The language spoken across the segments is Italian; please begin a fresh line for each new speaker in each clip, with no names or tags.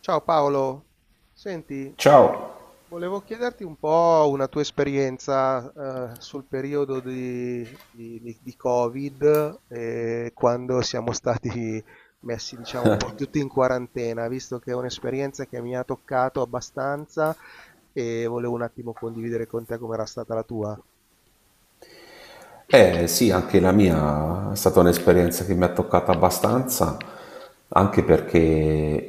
Ciao Paolo, senti,
Ciao!
volevo chiederti un po' una tua esperienza sul periodo di Covid, quando siamo stati messi, diciamo, un po' tutti in quarantena, visto che è un'esperienza che mi ha toccato abbastanza e volevo un attimo condividere con te com'era stata la tua.
Eh sì, anche la mia è stata un'esperienza che mi ha toccata abbastanza, anche perché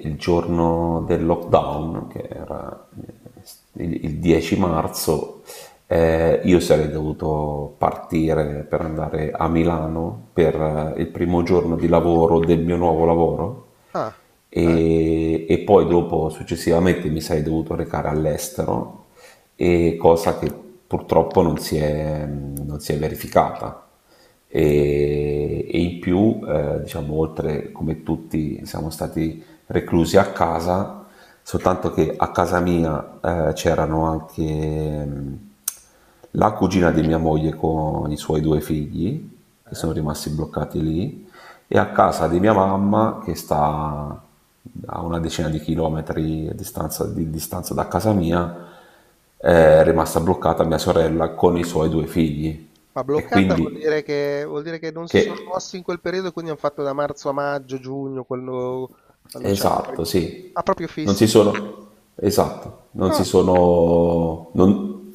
il giorno del lockdown, che era il 10 marzo, io sarei dovuto partire per andare a Milano per il primo giorno di lavoro del mio nuovo lavoro
Ah, ah,
e poi dopo successivamente mi sarei dovuto recare all'estero, e cosa che purtroppo non si è verificata. E in più, diciamo, oltre come tutti siamo stati reclusi a casa, soltanto che a casa mia c'erano anche la cugina di mia moglie con i suoi 2 figli, che
eh?
sono rimasti bloccati lì, e a casa di mia mamma che sta a una 10 di chilometri a distanza, di distanza da casa mia, è rimasta bloccata mia sorella con i suoi 2 figli.
Ma
E
bloccata
quindi
vuol dire che non si sono
che
mossi in quel periodo e quindi hanno fatto da marzo a maggio, giugno, quando, quando c'erano poi...
esatto, sì.
Ah, proprio
Non si
fissi.
sono, esatto, non
Ah,
si sono, non-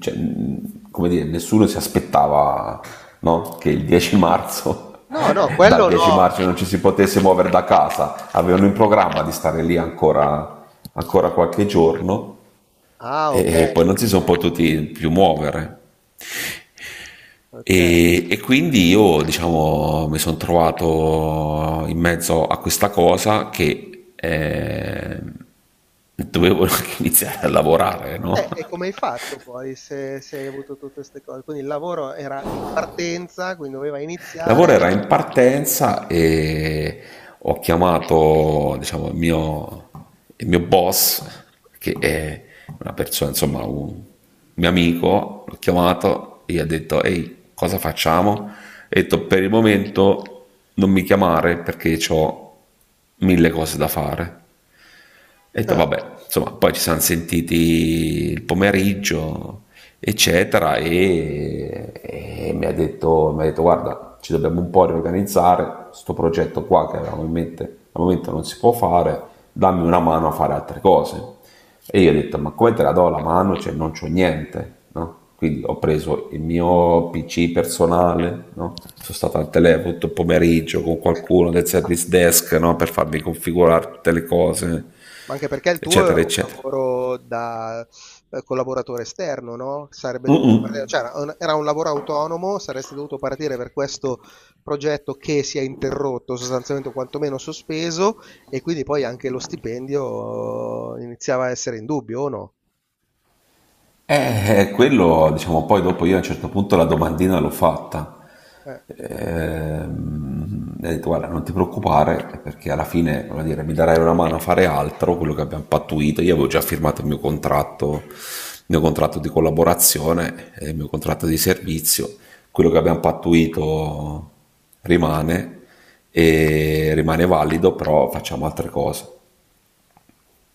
cioè, come dire, nessuno si aspettava, no? Che il 10 marzo,
no, no,
dal
quello
10
no.
marzo non ci si potesse muovere da casa. Avevano in programma di stare lì ancora, ancora qualche giorno
Ah, ok.
e poi non si sono potuti più muovere.
Ok. Ok.
E quindi io, diciamo, mi sono trovato in mezzo a questa cosa che dovevo anche iniziare a lavorare, no?
E come hai fatto poi se, se hai avuto tutte queste cose? Quindi il lavoro era in partenza, quindi doveva
Il
iniziare.
lavoro era in partenza e ho chiamato diciamo, il mio boss, che è una persona, insomma, un mio amico, l'ho chiamato e gli ho detto, ehi, cosa facciamo? E ho detto, per il momento non mi chiamare perché ho 1000 cose da fare e ho detto,
Ah.
vabbè, insomma, poi ci siamo sentiti il pomeriggio, eccetera, e ha detto, mi ha detto, guarda, ci dobbiamo un po' riorganizzare, sto progetto qua che avevamo in mente al momento non si può fare, dammi una mano a fare altre cose. E io ho detto, ma come te la do la mano? Cioè, non c'ho niente, no? Quindi ho preso il mio PC personale, no? Sono stato al telefono tutto il pomeriggio con qualcuno del service desk, no? Per farmi configurare tutte le cose
Ma anche perché il tuo era
eccetera,
un
eccetera.
lavoro da collaboratore esterno, no?
Mm-mm.
Cioè, era un lavoro autonomo, saresti dovuto partire per questo progetto che si è interrotto, sostanzialmente o quantomeno sospeso, e quindi poi anche lo stipendio iniziava a essere in dubbio, o no?
Quello, diciamo, poi dopo io a un certo punto la domandina l'ho fatta.
Eh.
E ho detto, guarda, non ti preoccupare, perché alla fine, voglio dire, mi darai una mano a fare altro, quello che abbiamo pattuito. Io avevo già firmato il mio contratto di collaborazione, e il mio contratto di servizio. Quello che abbiamo pattuito rimane, e rimane valido, però facciamo altre cose.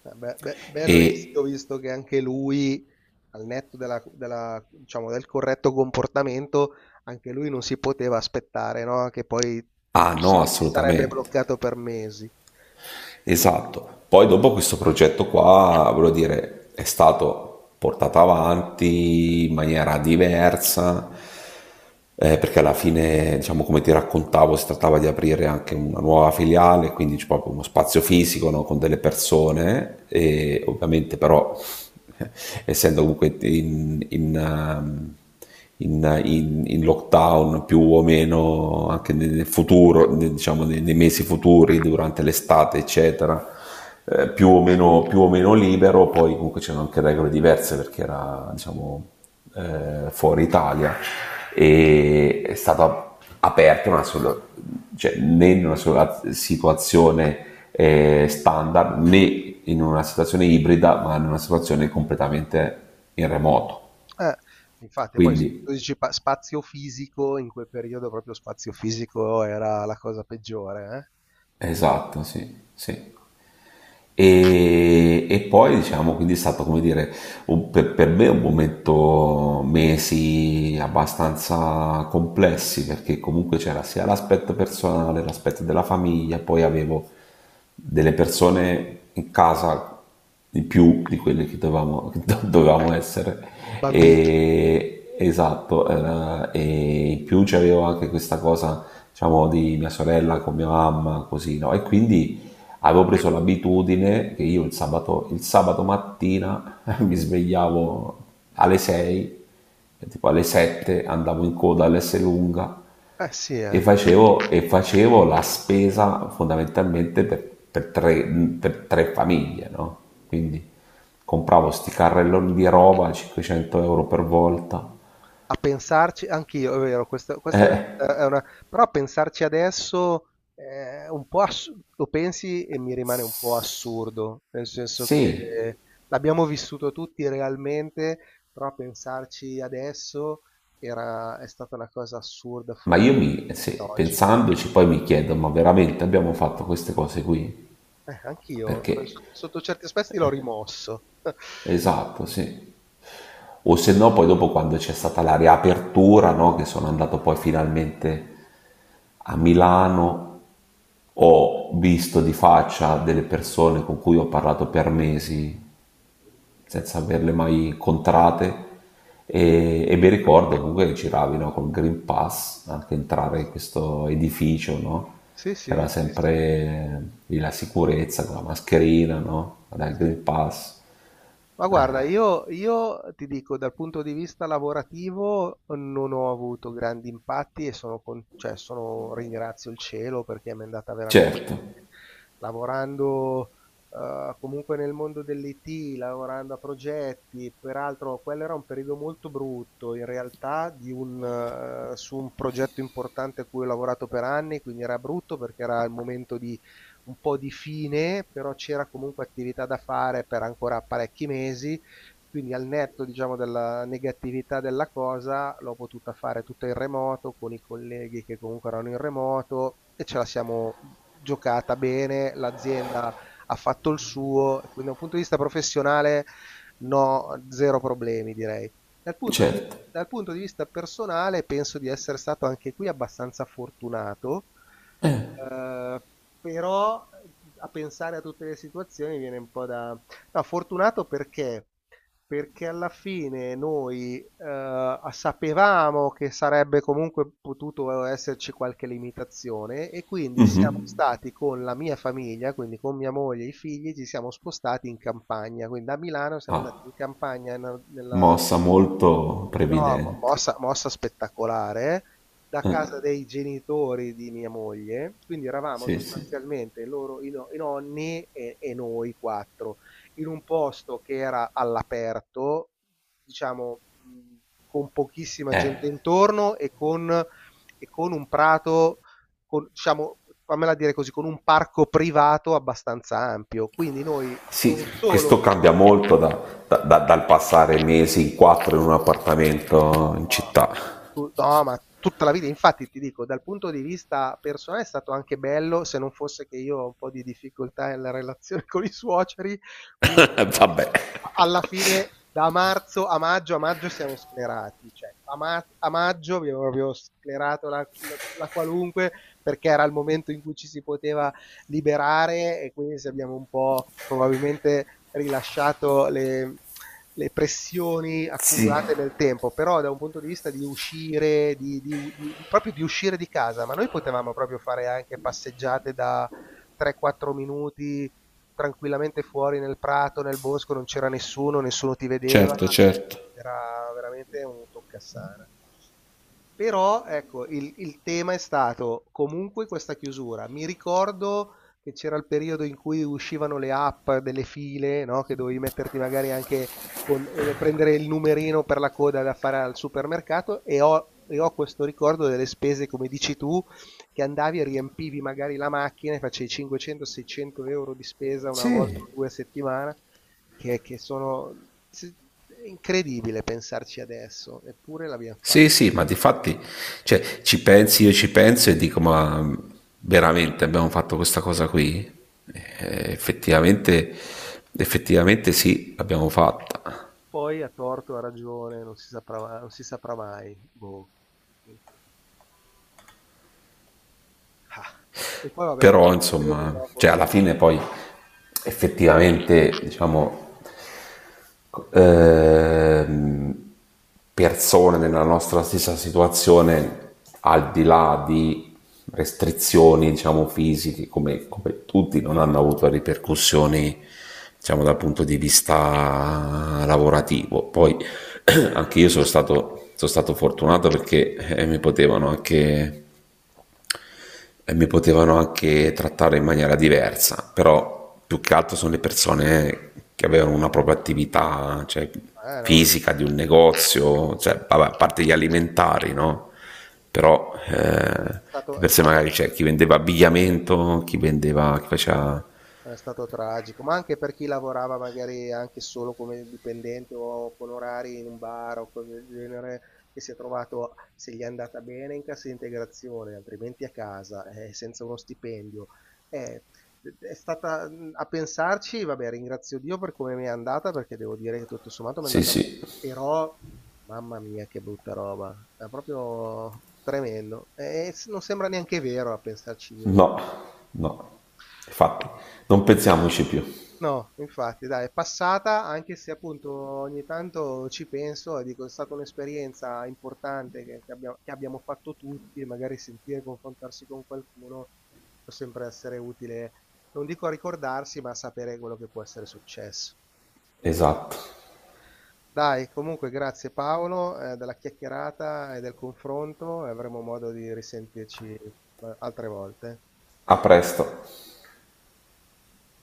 Beh, beh, bel rischio
E,
visto che anche lui, al netto della, diciamo, del corretto comportamento, anche lui non si poteva aspettare, no? Che poi
ah
tutto,
no,
sì, si sarebbe
assolutamente.
bloccato per mesi.
Esatto. Poi dopo questo progetto qua, voglio dire, è stato portato avanti in maniera diversa, perché alla fine, diciamo, come ti raccontavo, si trattava di aprire anche una nuova filiale, quindi c'è proprio uno spazio fisico, no, con delle persone, e ovviamente però, essendo comunque in lockdown più o meno anche nel nel futuro, diciamo nei mesi futuri, durante l'estate, eccetera, più o meno libero, poi comunque c'erano anche regole diverse perché era, diciamo, fuori Italia e è stata aperta una sola, cioè, né in una sola situazione standard né in una situazione ibrida, ma in una situazione completamente in remoto.
Eh, infatti poi se tu
Quindi
spazio fisico, in quel periodo proprio spazio fisico era la cosa peggiore, eh?
esatto, sì, sì. E poi diciamo, quindi è stato come dire, per me un momento, mesi abbastanza complessi, perché comunque c'era sia l'aspetto personale, l'aspetto della famiglia, poi avevo delle persone in casa di più di quelle che dovevamo, dovevamo essere.
Bambini.
E, esatto, e in più c'avevo anche questa cosa, diciamo, di mia sorella con mia mamma, così, no? E quindi avevo preso l'abitudine che io il sabato mattina mi svegliavo alle 6, tipo alle 7 andavo in coda all'S lunga
Eh sì, eh.
e facevo la spesa fondamentalmente per tre famiglie, no? Quindi compravo sti carrelloni di roba, 500 euro per volta.
A pensarci anch'io, è vero, questa è una,
Eh,
però a pensarci adesso è un po' lo pensi e mi rimane un po' assurdo, nel senso
sì,
che l'abbiamo vissuto tutti realmente, però a pensarci adesso era, è stata una cosa assurda
ma
fuori da
sì,
oggi.
pensandoci poi mi chiedo, ma veramente abbiamo fatto queste cose qui?
Anch'io,
Perché,
sotto, sotto certi aspetti l'ho rimosso.
esatto, sì. O se no poi dopo quando c'è stata la riapertura, no, che sono andato poi finalmente a Milano, ho visto di faccia delle persone con cui ho parlato per mesi senza averle mai incontrate e mi ricordo comunque che giravi no, col Green Pass anche entrare in questo edificio, no?
Sì,
C'era
sì, sì, sì.
sempre lì la sicurezza con la mascherina, no? Dal
Sì.
Green Pass.
Ma guarda, io ti dico, dal punto di vista lavorativo non ho avuto grandi impatti e sono, cioè, ringrazio il cielo perché mi è andata veramente
Certo,
bene. Lavorando comunque nel mondo dell'IT, lavorando a progetti, peraltro quello era un periodo molto brutto in realtà di un, su un progetto importante a cui ho lavorato per anni, quindi era brutto perché era il momento di un po' di fine, però c'era comunque attività da fare per ancora parecchi mesi, quindi al netto, diciamo, della negatività della cosa, l'ho potuta fare tutto in remoto con i colleghi che comunque erano in remoto e ce la siamo giocata bene, l'azienda ha fatto il suo, quindi da un punto di vista professionale no, zero problemi direi. Dal punto di,
certo.
Dal punto di vista personale penso di essere stato anche qui abbastanza fortunato. Ehm, Però a pensare a tutte le situazioni viene un po' da... No, fortunato perché? Perché alla fine noi sapevamo che sarebbe comunque potuto esserci qualche limitazione e quindi siamo
Mhm.
stati con la mia famiglia, quindi con mia moglie e i figli, ci siamo spostati in campagna, quindi da Milano siamo andati
Ah,
in campagna nella...
mossa molto
No, mo-
previdente.
mossa, mossa spettacolare, da casa dei genitori di mia moglie, quindi eravamo
Sì, sì.
sostanzialmente loro, i, no- i nonni e noi quattro, in un posto che era all'aperto, diciamo, con pochissima gente
Eh.
intorno e con un prato, con, diciamo, fammela dire così, con un parco privato abbastanza ampio. Quindi noi
Sì,
non solo...
questo cambia molto dal passare mesi in quattro in un appartamento in città.
Tu no, ma tutta la vita, infatti ti dico, dal punto di vista personale è stato anche bello, se non fosse che io ho un po' di difficoltà nella relazione con i suoceri, quindi
Vabbè.
alla fine da marzo a maggio siamo sclerati, cioè a, a maggio abbiamo proprio sclerato la qualunque, perché era il momento in cui ci si poteva liberare e quindi se abbiamo un po' probabilmente rilasciato le pressioni
Sì.
accumulate nel tempo, però da un punto di vista di uscire, di, proprio di uscire di casa, ma noi potevamo proprio fare anche passeggiate da 3-4 minuti tranquillamente fuori nel prato, nel bosco, non c'era nessuno, nessuno ti vedeva,
Certo, certo.
era veramente un toccassana. Però, ecco, il tema è stato comunque questa chiusura. Mi ricordo che c'era il periodo in cui uscivano le app delle file, no? Che dovevi metterti magari anche con, prendere il numerino per la coda da fare al supermercato, e ho questo ricordo delle spese, come dici tu, che andavi e riempivi magari la macchina e facevi 500-600 euro di spesa una volta
Sì.
o due a settimana, che sono se- è incredibile pensarci adesso, eppure l'abbiamo
Sì,
fatto.
sì, ma difatti, cioè, ci pensi, io ci penso e dico, ma veramente abbiamo fatto questa cosa qui? Effettivamente, effettivamente sì, l'abbiamo fatta.
Poi a torto, a ragione, non si saprà, non si saprà mai. Boh. Ah, e poi vabbè, tutto
Però,
il periodo
insomma,
dopo,
cioè
sì.
alla fine poi effettivamente, diciamo, ehm, persone nella nostra stessa situazione, al di là di restrizioni, diciamo, fisiche, come, come tutti, non hanno avuto ripercussioni, diciamo, dal punto di vista lavorativo. Poi anche io sono stato fortunato perché mi potevano anche e mi potevano anche trattare in maniera diversa, però più che altro sono le persone che avevano una propria attività, cioè,
No, no, no, no,
fisica di un negozio, cioè, vabbè, a parte gli alimentari, no? Però
no,
di
è
per sé
stato...
magari c'è cioè, chi vendeva abbigliamento, chi vendeva, chi faceva...
È stato tragico, ma anche per chi lavorava magari anche solo come dipendente o con orari in un bar o cose del genere, che si è trovato, se gli è andata bene, in cassa integrazione, altrimenti a casa, senza uno stipendio. Eh, è stata a pensarci, vabbè, ringrazio Dio per come mi è andata, perché devo dire che tutto sommato mi è
Sì,
andata bene,
sì,
però, mamma mia, che brutta roba, è proprio tremendo. E non sembra neanche vero a pensarci di nuovo.
no, no, infatti, non pensiamoci più.
No, infatti, dai, è passata, anche se appunto ogni tanto ci penso e dico, è stata un'esperienza importante che abbiamo fatto tutti, e magari sentire, confrontarsi con qualcuno può sempre essere utile, non dico a ricordarsi, ma a sapere quello che può essere successo.
Esatto.
Dai, comunque grazie Paolo, della chiacchierata e del confronto, e avremo modo di risentirci altre volte.
A presto.